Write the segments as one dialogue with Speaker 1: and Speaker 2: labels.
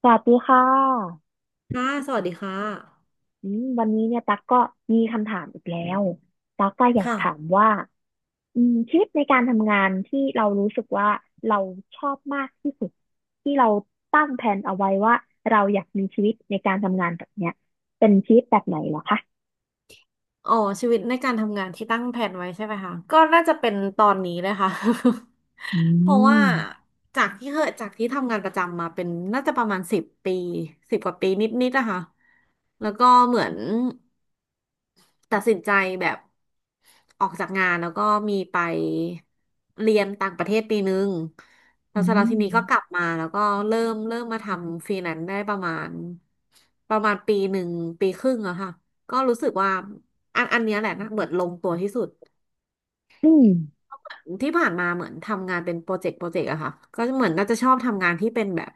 Speaker 1: สวัสดีค่ะ
Speaker 2: ค่ะ สวัสดีค่ะ
Speaker 1: วันนี้เนี่ยตั๊กก็มีคำถามอีกแล้วตั๊กก็อยาก
Speaker 2: ค่ะ
Speaker 1: ถามว่าชีวิตในการทำงานที่เรารู้สึกว่าเราชอบมากที่สุดที่เราตั้งแผนเอาไว้ว่าเราอยากมีชีวิตในการทำงานแบบเนี้ยเป็นชีวิตแบบไหนเหรอคะ
Speaker 2: อ๋อ ชีวิตในการทำงานที่ตั้งแผนไว้ใช่ไหมคะก็น่าจะเป็นตอนนี้เลยค่ะ
Speaker 1: อื
Speaker 2: เพราะว่า
Speaker 1: ม
Speaker 2: จากที่ทำงานประจำมาเป็นน่าจะประมาณ10 ปี10 กว่าปีนิดๆนะคะ แล้วก็เหมือน ตัดสินใจแบบออกจากงานแล้วก็มีไปเรียนต่างประเทศปีนึงแล้
Speaker 1: อื
Speaker 2: วเสร็จแล้วทีนี้ก็กลั
Speaker 1: ม
Speaker 2: บมาแล้วก็เริ่มมาทำฟรีแลนซ์ได้ประมาณปีหนึ่งปีครึ่งอะค่ะก็รู้สึกว่าอันเนี้ยแหละนะเหมือนลงตัวที่สุด
Speaker 1: อืม
Speaker 2: ที่ผ่านมาเหมือนทำงานเป็นโปรเจกต์โปรเจกต์อะค่ะก็เหมือนน่าจะชอบทำงานที่เป็นแบบ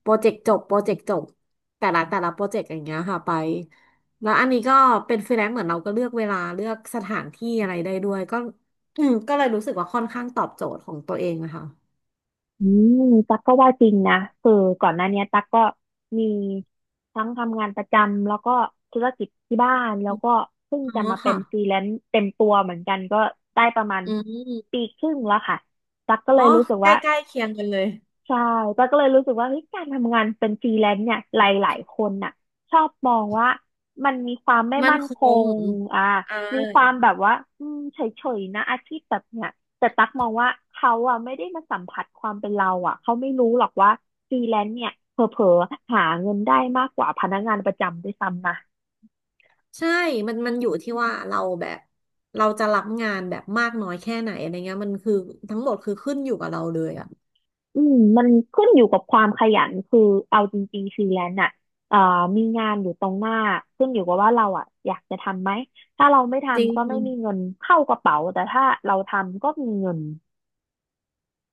Speaker 2: โปรเจกต์จบ โปรเจกต์จบ แต่ละโปรเจกต์อย่างเงี้ยค่ะไป แล้วอันนี้ก็เป็นฟรีแลนซ์เหมือนเราก็เลือกเวลาเลือกสถานที่อะไรได้ด้วยก็อืมก็เลยรู้สึกว่าค่อนข้างตอบโจทย์ของตัวเองนะคะ
Speaker 1: อืมตั๊กก็ว่าจริงนะคือก่อนหน้าเนี้ยตั๊กก็มีทั้งทำงานประจำแล้วก็ธุรกิจที่บ้านแล้วก็เพิ่ง
Speaker 2: อ๋อ
Speaker 1: จะมาเป็
Speaker 2: ค่ะ
Speaker 1: นฟรีแลนซ์เต็มตัวเหมือนกันก็ได้ประมาณ
Speaker 2: อืม
Speaker 1: ปีครึ่งแล้วค่ะตั๊กก็เล
Speaker 2: อ๋อ
Speaker 1: ยรู้สึก
Speaker 2: ใก
Speaker 1: ว่า
Speaker 2: ล้ๆเคียงกันเลย
Speaker 1: ใช่ป้าก็เลยรู้สึกว่าเฮ้ยการทำงานเป็นฟรีแลนซ์เนี่ยหลายๆคนน่ะชอบมองว่ามันมีความไม่
Speaker 2: มั่น
Speaker 1: มั่น
Speaker 2: ค
Speaker 1: ค
Speaker 2: ง
Speaker 1: งอ่า
Speaker 2: อ่า
Speaker 1: มีความแบบว่าเฉยๆนะอาชีพแบบเนี้ยแต่ตักมองว่าเขาอ่ะไม่ได้มาสัมผัสความเป็นเราอ่ะเขาไม่รู้หรอกว่าฟรีแลนซ์เนี่ยเผลอๆหาเงินได้มากกว่าพนักงานประจำด้วยซ้ำนะ
Speaker 2: ใช่มันอยู่ที่ว่าเราแบบเราจะรับงานแบบมากน้อยแค่ไหนอะไรเงี้ยมันคือทั้งหมดคือขึ้นอยู่กับเราเลยอะ
Speaker 1: มันขึ้นอยู่กับความขยันคือเอาจริงๆฟรีแลนซ์อ่ะเอ่อมีงานอยู่ตรงหน้า ขึ้นอยู่กับว่าเราอ่ะอยากจะทำไหม ถ้าเราไม่
Speaker 2: จริ
Speaker 1: ทำก็ไม่มี
Speaker 2: ง
Speaker 1: เงินเข้ากระเป๋า แต่ถ้าเราทำก็มีเงิน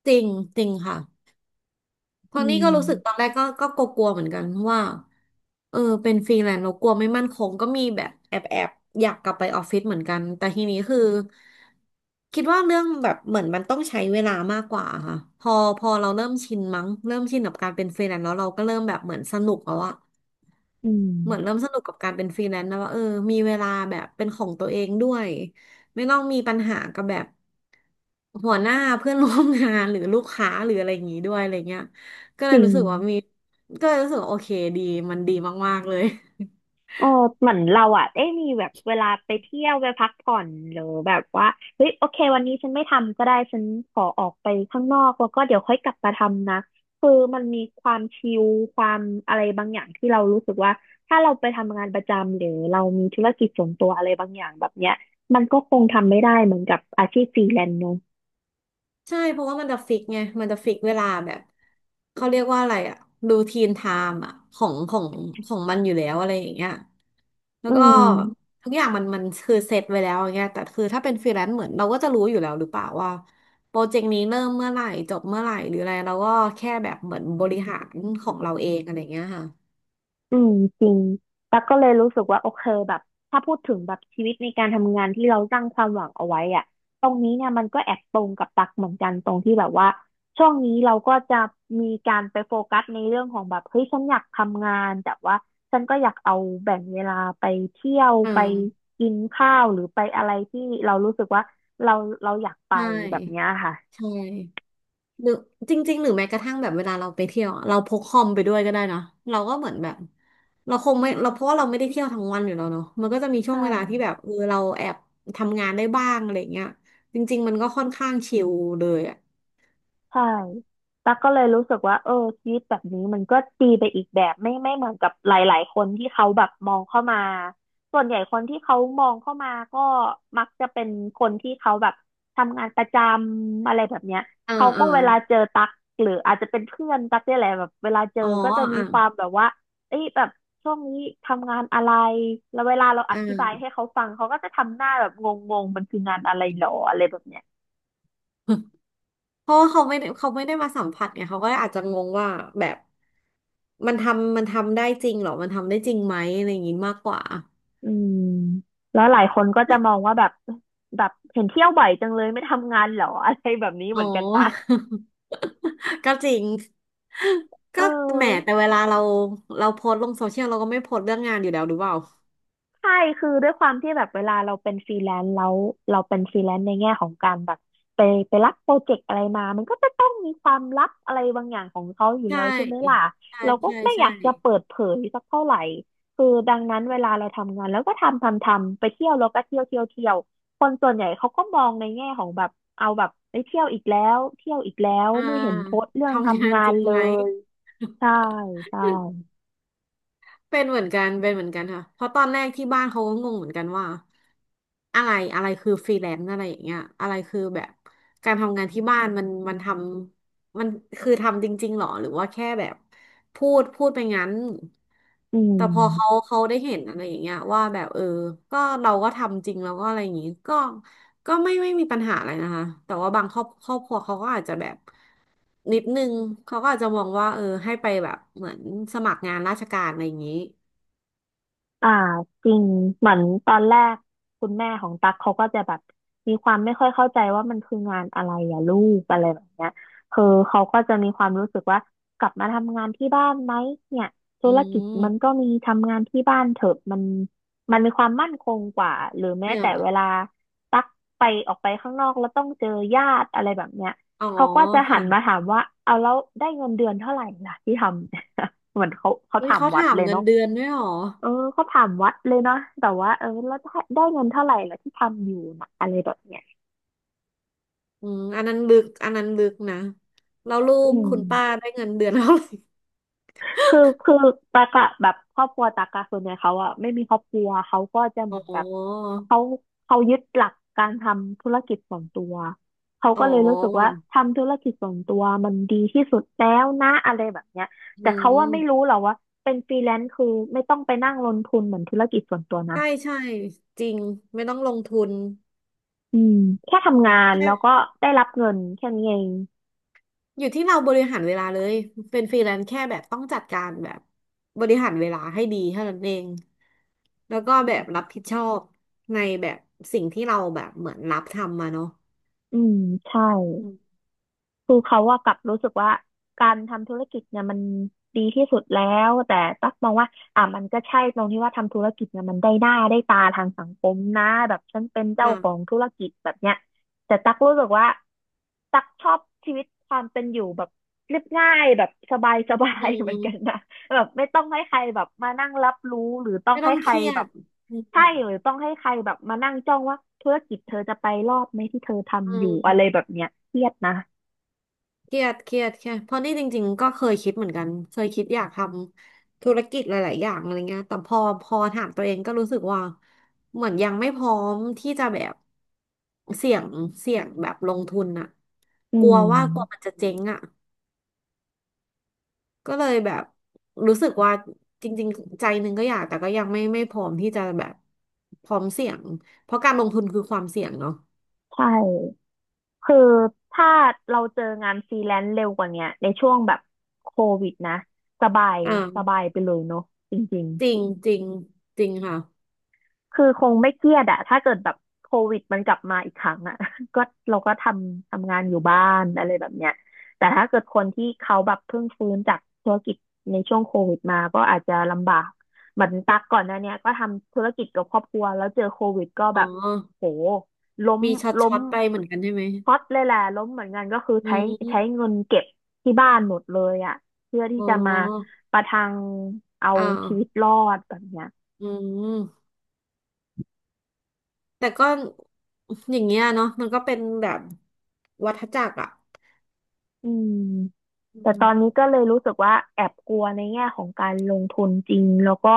Speaker 2: จริงจริงค่ะ ตอ
Speaker 1: อื
Speaker 2: นนี้ก็รู้สึกตอน
Speaker 1: ม
Speaker 2: แรกก็กลัวๆเหมือนกันเพราะว่าเออเป็นฟรีแลนซ์เรากลัวไม่มั่นคงก็มีแบบแอบอยากกลับไปออฟฟิศเหมือนกันแต่ทีนี้คือคิดว่าเรื่องแบบเหมือนมันต้องใช้เวลามากกว่าค่ะพอเราเริ่มชินมั้งเริ่มชินกับการเป็นฟรีแลนซ์แล้วเราก็เริ่มแบบเหมือนสนุกแล้วอะ
Speaker 1: อืม
Speaker 2: เหมือนเริ่มสนุกกับการเป็นฟรีแลนซ์แล้วว่าเออมีเวลาแบบเป็นของตัวเองด้วยไม่ต้องมีปัญหากับแบบ หัวหน้าเพื่อนร่วมงานหรือลูกค้าหรืออะไรอย่างนี้ด้วยอะไรเงี้ยก็เล
Speaker 1: จ
Speaker 2: ย
Speaker 1: ริง
Speaker 2: รู้สึกว่ามีก็เลยรู้สึกว่าโอเคดีมันดีมากๆเลย
Speaker 1: เออเหมือนเราอ่ะได้มีแบบเวลาไปเที่ยวไปพักผ่อนหรือแบบว่าเฮ้ยโอเควันนี้ฉันไม่ทำก็ได้ฉันขอออกไปข้างนอกแล้วก็เดี๋ยวค่อยกลับมาทำนะคือมันมีความชิลความอะไรบางอย่างที่เรารู้สึกว่าถ้าเราไปทำงานประจำหรือเรามีธุรกิจส่วนตัวอะไรบางอย่างแบบเนี้ยมันก็คงทำไม่ได้เหมือนกับอาชีพฟรีแลนซ์เนอะ
Speaker 2: ใช่เพราะว่ามันจะฟิกไงมันจะฟิกเวลาแบบเขาเรียกว่าอะไรอะรูทีนไทม์อะของมันอยู่แล้วอะไรอย่างเงี้ยแล้ว
Speaker 1: อื
Speaker 2: ก็
Speaker 1: ม
Speaker 2: ทุกอย่างมันคือเซตไว้แล้วอย่างเงี้ยแต่คือถ้าเป็นฟรีแลนซ์เหมือนเราก็จะรู้อยู่แล้วหรือเปล่าว่าโปรเจกต์นี้เริ่มเมื่อไหร่จบเมื่อไหร่หรืออะไรเราก็แค่แบบเหมือนบริหารของเราเองอะไรอย่างเงี้ยค่ะ
Speaker 1: อืมจริงตั๊กก็เลยรู้สึกว่าโอเคแบบถ้าพูดถึงแบบชีวิตในการทำงานที่เราตั้งความหวังเอาไว้อะตรงนี้เนี่ยมันก็แอบตรงกับตักเหมือนกันตรงที่แบบว่าช่วงนี้เราก็จะมีการไปโฟกัสในเรื่องของแบบเฮ้ยฉันอยากทำงานแต่ว่าฉันก็อยากเอาแบ่งเวลาไปเที่ยว
Speaker 2: อื
Speaker 1: ไป
Speaker 2: ม
Speaker 1: กินข้าวหรือไปอะไรที่เรารู้สึกว่าเราเราอยากไป
Speaker 2: ใช่
Speaker 1: แบบเนี้ยค่ะ
Speaker 2: ใช่หรือจริงๆหรือแม้กระทั่งแบบเวลาเราไปเที่ยวอะเราพกคอมไปด้วยก็ได้เนอะเราก็เหมือนแบบเราคงไม่เราเพราะว่าเราไม่ได้เที่ยวทั้งวันอยู่แล้วเนาะมันก็จะมีช่ว
Speaker 1: ใช่
Speaker 2: งเวลาที่แบบเออเราแอบทำงานได้บ้างอะไรเงี้ยจริงๆมันก็ค่อนข้างชิลเลยอ่ะ
Speaker 1: ใช่ตั๊กก็เลยรู้สึกว่าเออชีวิตแบบนี้มันก็ดีไปอีกแบบไม่เหมือนกับหลายๆคนที่เขาแบบมองเข้ามาส่วนใหญ่คนที่เขามองเข้ามาก็มักจะเป็นคนที่เขาแบบทำงานประจำอะไรแบบเนี้ย
Speaker 2: อ่า
Speaker 1: เขาก็
Speaker 2: อ่า
Speaker 1: เวลาเจอตั๊กหรืออาจจะเป็นเพื่อนตั๊กเนี่ยแหละแบบเวลาเจอ
Speaker 2: อ๋อ
Speaker 1: ก็จะมี
Speaker 2: อ่า
Speaker 1: ความแบบว่าเอ้ยแบบช่วงนี้ทำงานอะไรแล้วเวลาเราอ
Speaker 2: อ
Speaker 1: ธิบาย
Speaker 2: ่า
Speaker 1: ให้เขาฟังเขาก็จะทำหน้าแบบงงๆมันคืองานอะไรหรออะไรแบบเนี้ย
Speaker 2: เพราะว่าเขาไม่ได้เขาไม่ได้มาสัมผัสไงเขาก็อาจจะงงว่าแบบมันทำมันทำได้จริงเหรอมันทำได้จริงไหมอะไรอย่างงี้มากกว่า
Speaker 1: อืมแล้วหลายคนก็จะมองว่าแบบเห็นเที่ยวบ่อยจังเลยไม่ทำงานเหรออะไรแบบนี้เห
Speaker 2: อ๋อ
Speaker 1: มือนกันนะ
Speaker 2: ก็จริง
Speaker 1: เอ
Speaker 2: ก็
Speaker 1: อ
Speaker 2: แหมแต่เวลาเราโพสต์ลงโซเชียลเราก็ไม่โพสต์เรื่องงานอยู่แล้วหรือเปล่า
Speaker 1: ใช่ คือด้วยความที่แบบเวลาเราเป็นฟรีแลนซ์แล้วเราเป็นฟรีแลนซ์ในแง่ของการแบบไปไปรับโปรเจกต์อะไรมามันก็จะต้องมีความลับอะไรบางอย่างของเขาอยู่
Speaker 2: ใช่
Speaker 1: แล้วใช่ไหมล่ะ
Speaker 2: ใช่
Speaker 1: เราก็
Speaker 2: ใช่
Speaker 1: ไม่อ
Speaker 2: ใช่
Speaker 1: ยากจะเปิดเผยสักเท่าไหร่คือดังนั้นเวลาเราทำงานแล้วก็ทำทำทำไปเที่ยวแล้วก็เที่ยวเที่ยวเที่ยวคนส่วนใหญ่เขาก็มองในแง่ของแบบเอาแบบไปเที่ยวอีกแล้วเที่ยวอีกแล้ว
Speaker 2: อ่า
Speaker 1: ไม่เห็นโพสต์เรื่อง
Speaker 2: ทำงา
Speaker 1: ทำ
Speaker 2: น
Speaker 1: งา
Speaker 2: จ
Speaker 1: น
Speaker 2: ริง
Speaker 1: เล
Speaker 2: ไหม
Speaker 1: ยใช่ใช่
Speaker 2: เป็นเหมือนกันเป็นเหมือนกันค่ะเพราะตอนแรกที่บ้านเขาก็งงเหมือนกันว่าอะไรอะไรคือฟรีแลนซ์อะไรอย่างเงี้ยอะไรคือแบบการทำงานที่บ้านมันมันทำมันคือทำจริงๆหรอหรือว่าแค่แบบพูดไปงั้น
Speaker 1: อื
Speaker 2: แต่พอเขา
Speaker 1: ม
Speaker 2: เขาได้เห็นอะไรอย่างเงี้ยว่าแบบเออก็เราก็ทำจริงแล้วก็อะไรอย่างงี้ก็ก็ไม่ไม่มีปัญหาอะไรนะคะแต่ว่าบางครอบครัวเขาก็อาจจะแบบนิดนึงเขาก็อาจจะมองว่าเออให้ไปแบบเหมือนสมัครงานราชการอะไรอย่างนี้
Speaker 1: อ่าจริงเหมือนตอนแรกคุณแม่ของตั๊กเขาก็จะแบบมีความไม่ค่อยเข้าใจว่ามันคืองานอะไรอะลูกอะไรแบบเนี้ยคือเขาก็จะมีความรู้สึกว่ากลับมาทำงานที่บ้านไหมเนี่ยธุ
Speaker 2: อื
Speaker 1: รกิจ
Speaker 2: ม
Speaker 1: มันก็มีทำงานที่บ้านเถอะมันมันมีความมั่นคงกว่าหรือแม้
Speaker 2: เนี่ย
Speaker 1: แต่เวลาตั๊กไปออกไปข้างนอกแล้วต้องเจอญาติอะไรแบบเนี้ย
Speaker 2: อ๋อ
Speaker 1: เขาก็จะหันมา
Speaker 2: ค่ะ
Speaker 1: ถามว่าเอาแล้วได้เงินเดือนเท่าไหร่ล่ะที่ทำ เหมือนเขา
Speaker 2: เฮ้ย
Speaker 1: ถาม
Speaker 2: เขา
Speaker 1: วัด
Speaker 2: ถาม
Speaker 1: เลย
Speaker 2: เงิน
Speaker 1: เนาะ
Speaker 2: เดือนด้วยเหรอ
Speaker 1: เออเขาถามวัดเลยเนาะแต่ว่าแล้วได้เงินเท่าไหร่แล้วที่ทำอยู่นะอะไรแบบเนี้ย
Speaker 2: อืมอันนั้นลึกอันนั้นลึกนะแล้วลู
Speaker 1: อื
Speaker 2: ก
Speaker 1: ม
Speaker 2: คุณป้าได้เงินเดือนเท่าไหร่
Speaker 1: คือตากะแบบครอบครัวตากะส่วนใหญ่เขาอะไม่มีครอบครัวเขาก็จะเห
Speaker 2: อ๋
Speaker 1: มือน
Speaker 2: อ
Speaker 1: แบบเขาเขายึดหลักการทำธุรกิจส่วนตัวเขา
Speaker 2: อ๋
Speaker 1: ก็เลยรู้สึกว่า
Speaker 2: อ
Speaker 1: ทำธุรกิจส่วนตัวมันดีที่สุดแล้วนะอะไรแบบเนี้ย
Speaker 2: อื
Speaker 1: แต่เขาว่าไม่รู้
Speaker 2: ม
Speaker 1: หรอกว่าเป็นฟรีแลนซ์คือไม่ต้องไปนั่งลงทุนเหมือนธุรกิจส่วนตัวนะ
Speaker 2: ใช่ใช่จริงไม่ต้องลงทุน
Speaker 1: อืมแค่ทำงานแล้วก็
Speaker 2: แค่
Speaker 1: ได้รับเงินแค่นี้เอง
Speaker 2: อยู่ที่เราบริหารเวลาเลย เป็นฟรีแลนซ์แค่แบบต้องจัดการแบบบริหารเวลาให้ดีเท่านั้นเอง แล้วก็แบบรับผิดชอบในแบบสิ่งที่เราแบบเหมือนรับทำมาเนาะ
Speaker 1: อืมใช่
Speaker 2: อืม
Speaker 1: คือเขาว่ากลับรู้สึกว่าการทำธุรกิจเนี่ยมันดีที่สุดแล้วแต่ตั๊กมองว่าอ่ะมันก็ใช่ตรงที่ว่าทำธุรกิจเนี่ยมันได้หน้าได้ตาทางสังคมนะแบบฉันเป็น
Speaker 2: อ
Speaker 1: เจ้าของ
Speaker 2: ่า
Speaker 1: ธุรกิจแบบเนี้ยแต่ตั๊กรู้สึกว่า ตักชอบชีวิตความเป็นอยู่แบบเรียบง่ายแบบสบายสบา
Speaker 2: อื
Speaker 1: ยเหมือนกัน
Speaker 2: ม
Speaker 1: นะ แบบไม่ต้องให้ใครแบบมานั่งรับรู้หรือต้อง
Speaker 2: ไม่ต้
Speaker 1: ให้
Speaker 2: อง
Speaker 1: ใค
Speaker 2: เค
Speaker 1: ร
Speaker 2: รีย
Speaker 1: แบ
Speaker 2: ด
Speaker 1: บ
Speaker 2: อืม
Speaker 1: ใช่หรือต้องให้ใครแบบมานั่งจ้องว่าธุรกิจเธอจะไปรอดไหมที่เธอ
Speaker 2: อื
Speaker 1: ทำอยู่
Speaker 2: ม
Speaker 1: อะไรแบบเนี้ยเครียดนะ
Speaker 2: เครียดเครียดแค่เพราะนี่จริงๆ ก็เคยคิดเหมือนกัน เคยคิดอยากทำธุรกิจหลายๆ อย่างอะไรเงี้ยแต่พอพอถามตัวเองก็รู้สึกว่าเหมือนยังไม่พร้อมที่จะแบบเสี่ยงเสี่ยงแบบลงทุนอะ
Speaker 1: อื
Speaker 2: กลัว
Speaker 1: ม
Speaker 2: ว่ากลัวมันจะเจ๊งอะก็เลยแบบรู้สึกว่าจริงๆใจหนึ่งก็อยากแต่ก็ยังไม่พร้อมที่จะแบบพร้อมเสี่ยงเพราะการลงทุนคือความเสี่ยงเนาะ
Speaker 1: ใช่คือถ้าเราเจองานฟรีแลนซ์เร็วกว่าเนี้ยในช่วงแบบโควิดนะสบาย
Speaker 2: อ่า
Speaker 1: สบายไปเลยเนาะจริง
Speaker 2: จริงจริงจริงค่ะ
Speaker 1: คือคงไม่เครียดอะถ้าเกิดแบบโควิดมันกลับมาอีกครั้งอะ ก็เราก็ทำงานอยู่บ้านอะไรแบบเนี้ยแต่ถ้าเกิดคนที่เขาแบบเพิ่งฟื้นจากธุรกิจในช่วงโควิดมาก็อาจจะลำบากเหมือนตักก่อนหน้าเนี้ยก็ทำธุรกิจกับครอบครัวแล้วเจอโควิดก็
Speaker 2: อ๋อ
Speaker 1: แบบโหล้ม
Speaker 2: มีช็อต
Speaker 1: ล้
Speaker 2: ช็
Speaker 1: ม
Speaker 2: อตไปเหมือนกันใช่ไหม
Speaker 1: พอตเลยแหละล้มเหมือนกันก็คือ
Speaker 2: อื
Speaker 1: ใช้
Speaker 2: ม
Speaker 1: เงินเก็บที่บ้านหมดเลยอะเพื่อที่
Speaker 2: อ๋
Speaker 1: จะมา
Speaker 2: อ
Speaker 1: ประทังเอา
Speaker 2: อ้าว
Speaker 1: ชีวิตรอดแบบเนี้ย
Speaker 2: อืมแต่ก็อย่างเงี้ยเนาะมันก็เป็นแบบวัฏจักรอ่ะ
Speaker 1: อืม
Speaker 2: อื
Speaker 1: แต่ตอ
Speaker 2: ม
Speaker 1: นนี้ก็เลยรู้สึกว่าแอบกลัวในแง่ของการลงทุนจริงแล้วก็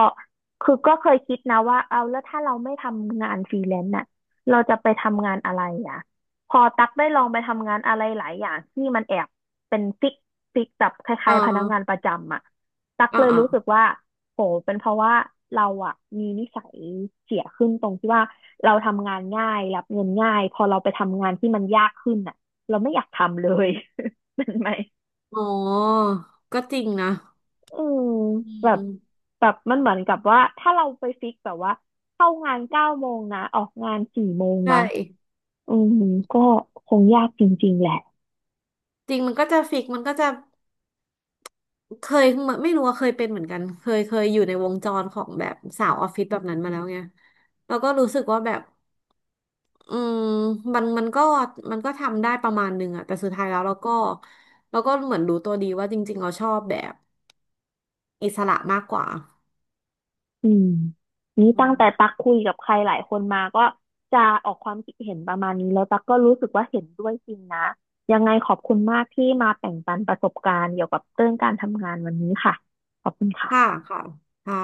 Speaker 1: คือก็เคยคิดนะว่าเอาแล้วถ้าเราไม่ทำงานฟรีแลนซ์น่ะเราจะไปทำงานอะไรอ่ะพอตักได้ลองไปทำงานอะไรหลายอย่างที่มันแอบเป็นฟิกฟิกแบบค
Speaker 2: อ่
Speaker 1: ล้ายๆพนักงาน
Speaker 2: า
Speaker 1: ประจำอ่ะตัก
Speaker 2: อ่า
Speaker 1: เลย
Speaker 2: ออ
Speaker 1: รู้สึกว่าโหเป็นเพราะว่าเราอ่ะมีนิสัยเสียขึ้นตรงที่ว่าเราทำงานง่ายรับเงินง่ายพอเราไปทำงานที่มันยากขึ้นอ่ะเราไม่อยากทำเลย เป็นไหม
Speaker 2: อ๋อก็จริงนะ
Speaker 1: อืม
Speaker 2: อื
Speaker 1: แบบ
Speaker 2: ม
Speaker 1: แบบมันเหมือนกับว่า ถ้าเราไปฟิกแบบว่า เข้างาน9 โมงนะ ออกงาน4 โมง
Speaker 2: ใช่
Speaker 1: นะอืมก็คงยากจริงๆแหละ
Speaker 2: จริงมันก็จะฟิกมันก็จะเคยเหมือนไม่รู้ว่าเคยเป็นเหมือนกันเคยอยู่ในวงจรของแบบสาวออฟฟิศแบบนั้นมาแล้วไงแล้วก็รู้สึกว่าแบบ อืมมันก็มันก็ทำได้ประมาณหนึงอะแต่สุดท้ายแล้วเราก็เราก็เหมือนรู้ตัวดีว่าจริงๆเราชอบแบบอิสระมากกว่า
Speaker 1: อืมนี้
Speaker 2: อื
Speaker 1: ตั้ง
Speaker 2: ม
Speaker 1: แต่ตักคุยกับใครหลายคนมาก็จะออกความคิดเห็นประมาณนี้แล้วตักก็รู้สึกว่าเห็นด้วยจริงนะ ยังไงขอบคุณมากที่มาแบ่งปันประสบการณ์เกี่ยวกับเรื่องการทำงานวันนี้ค่ะ ขอบคุณ
Speaker 2: ค่ะ
Speaker 1: ค่ะ
Speaker 2: ค่ะค่ะ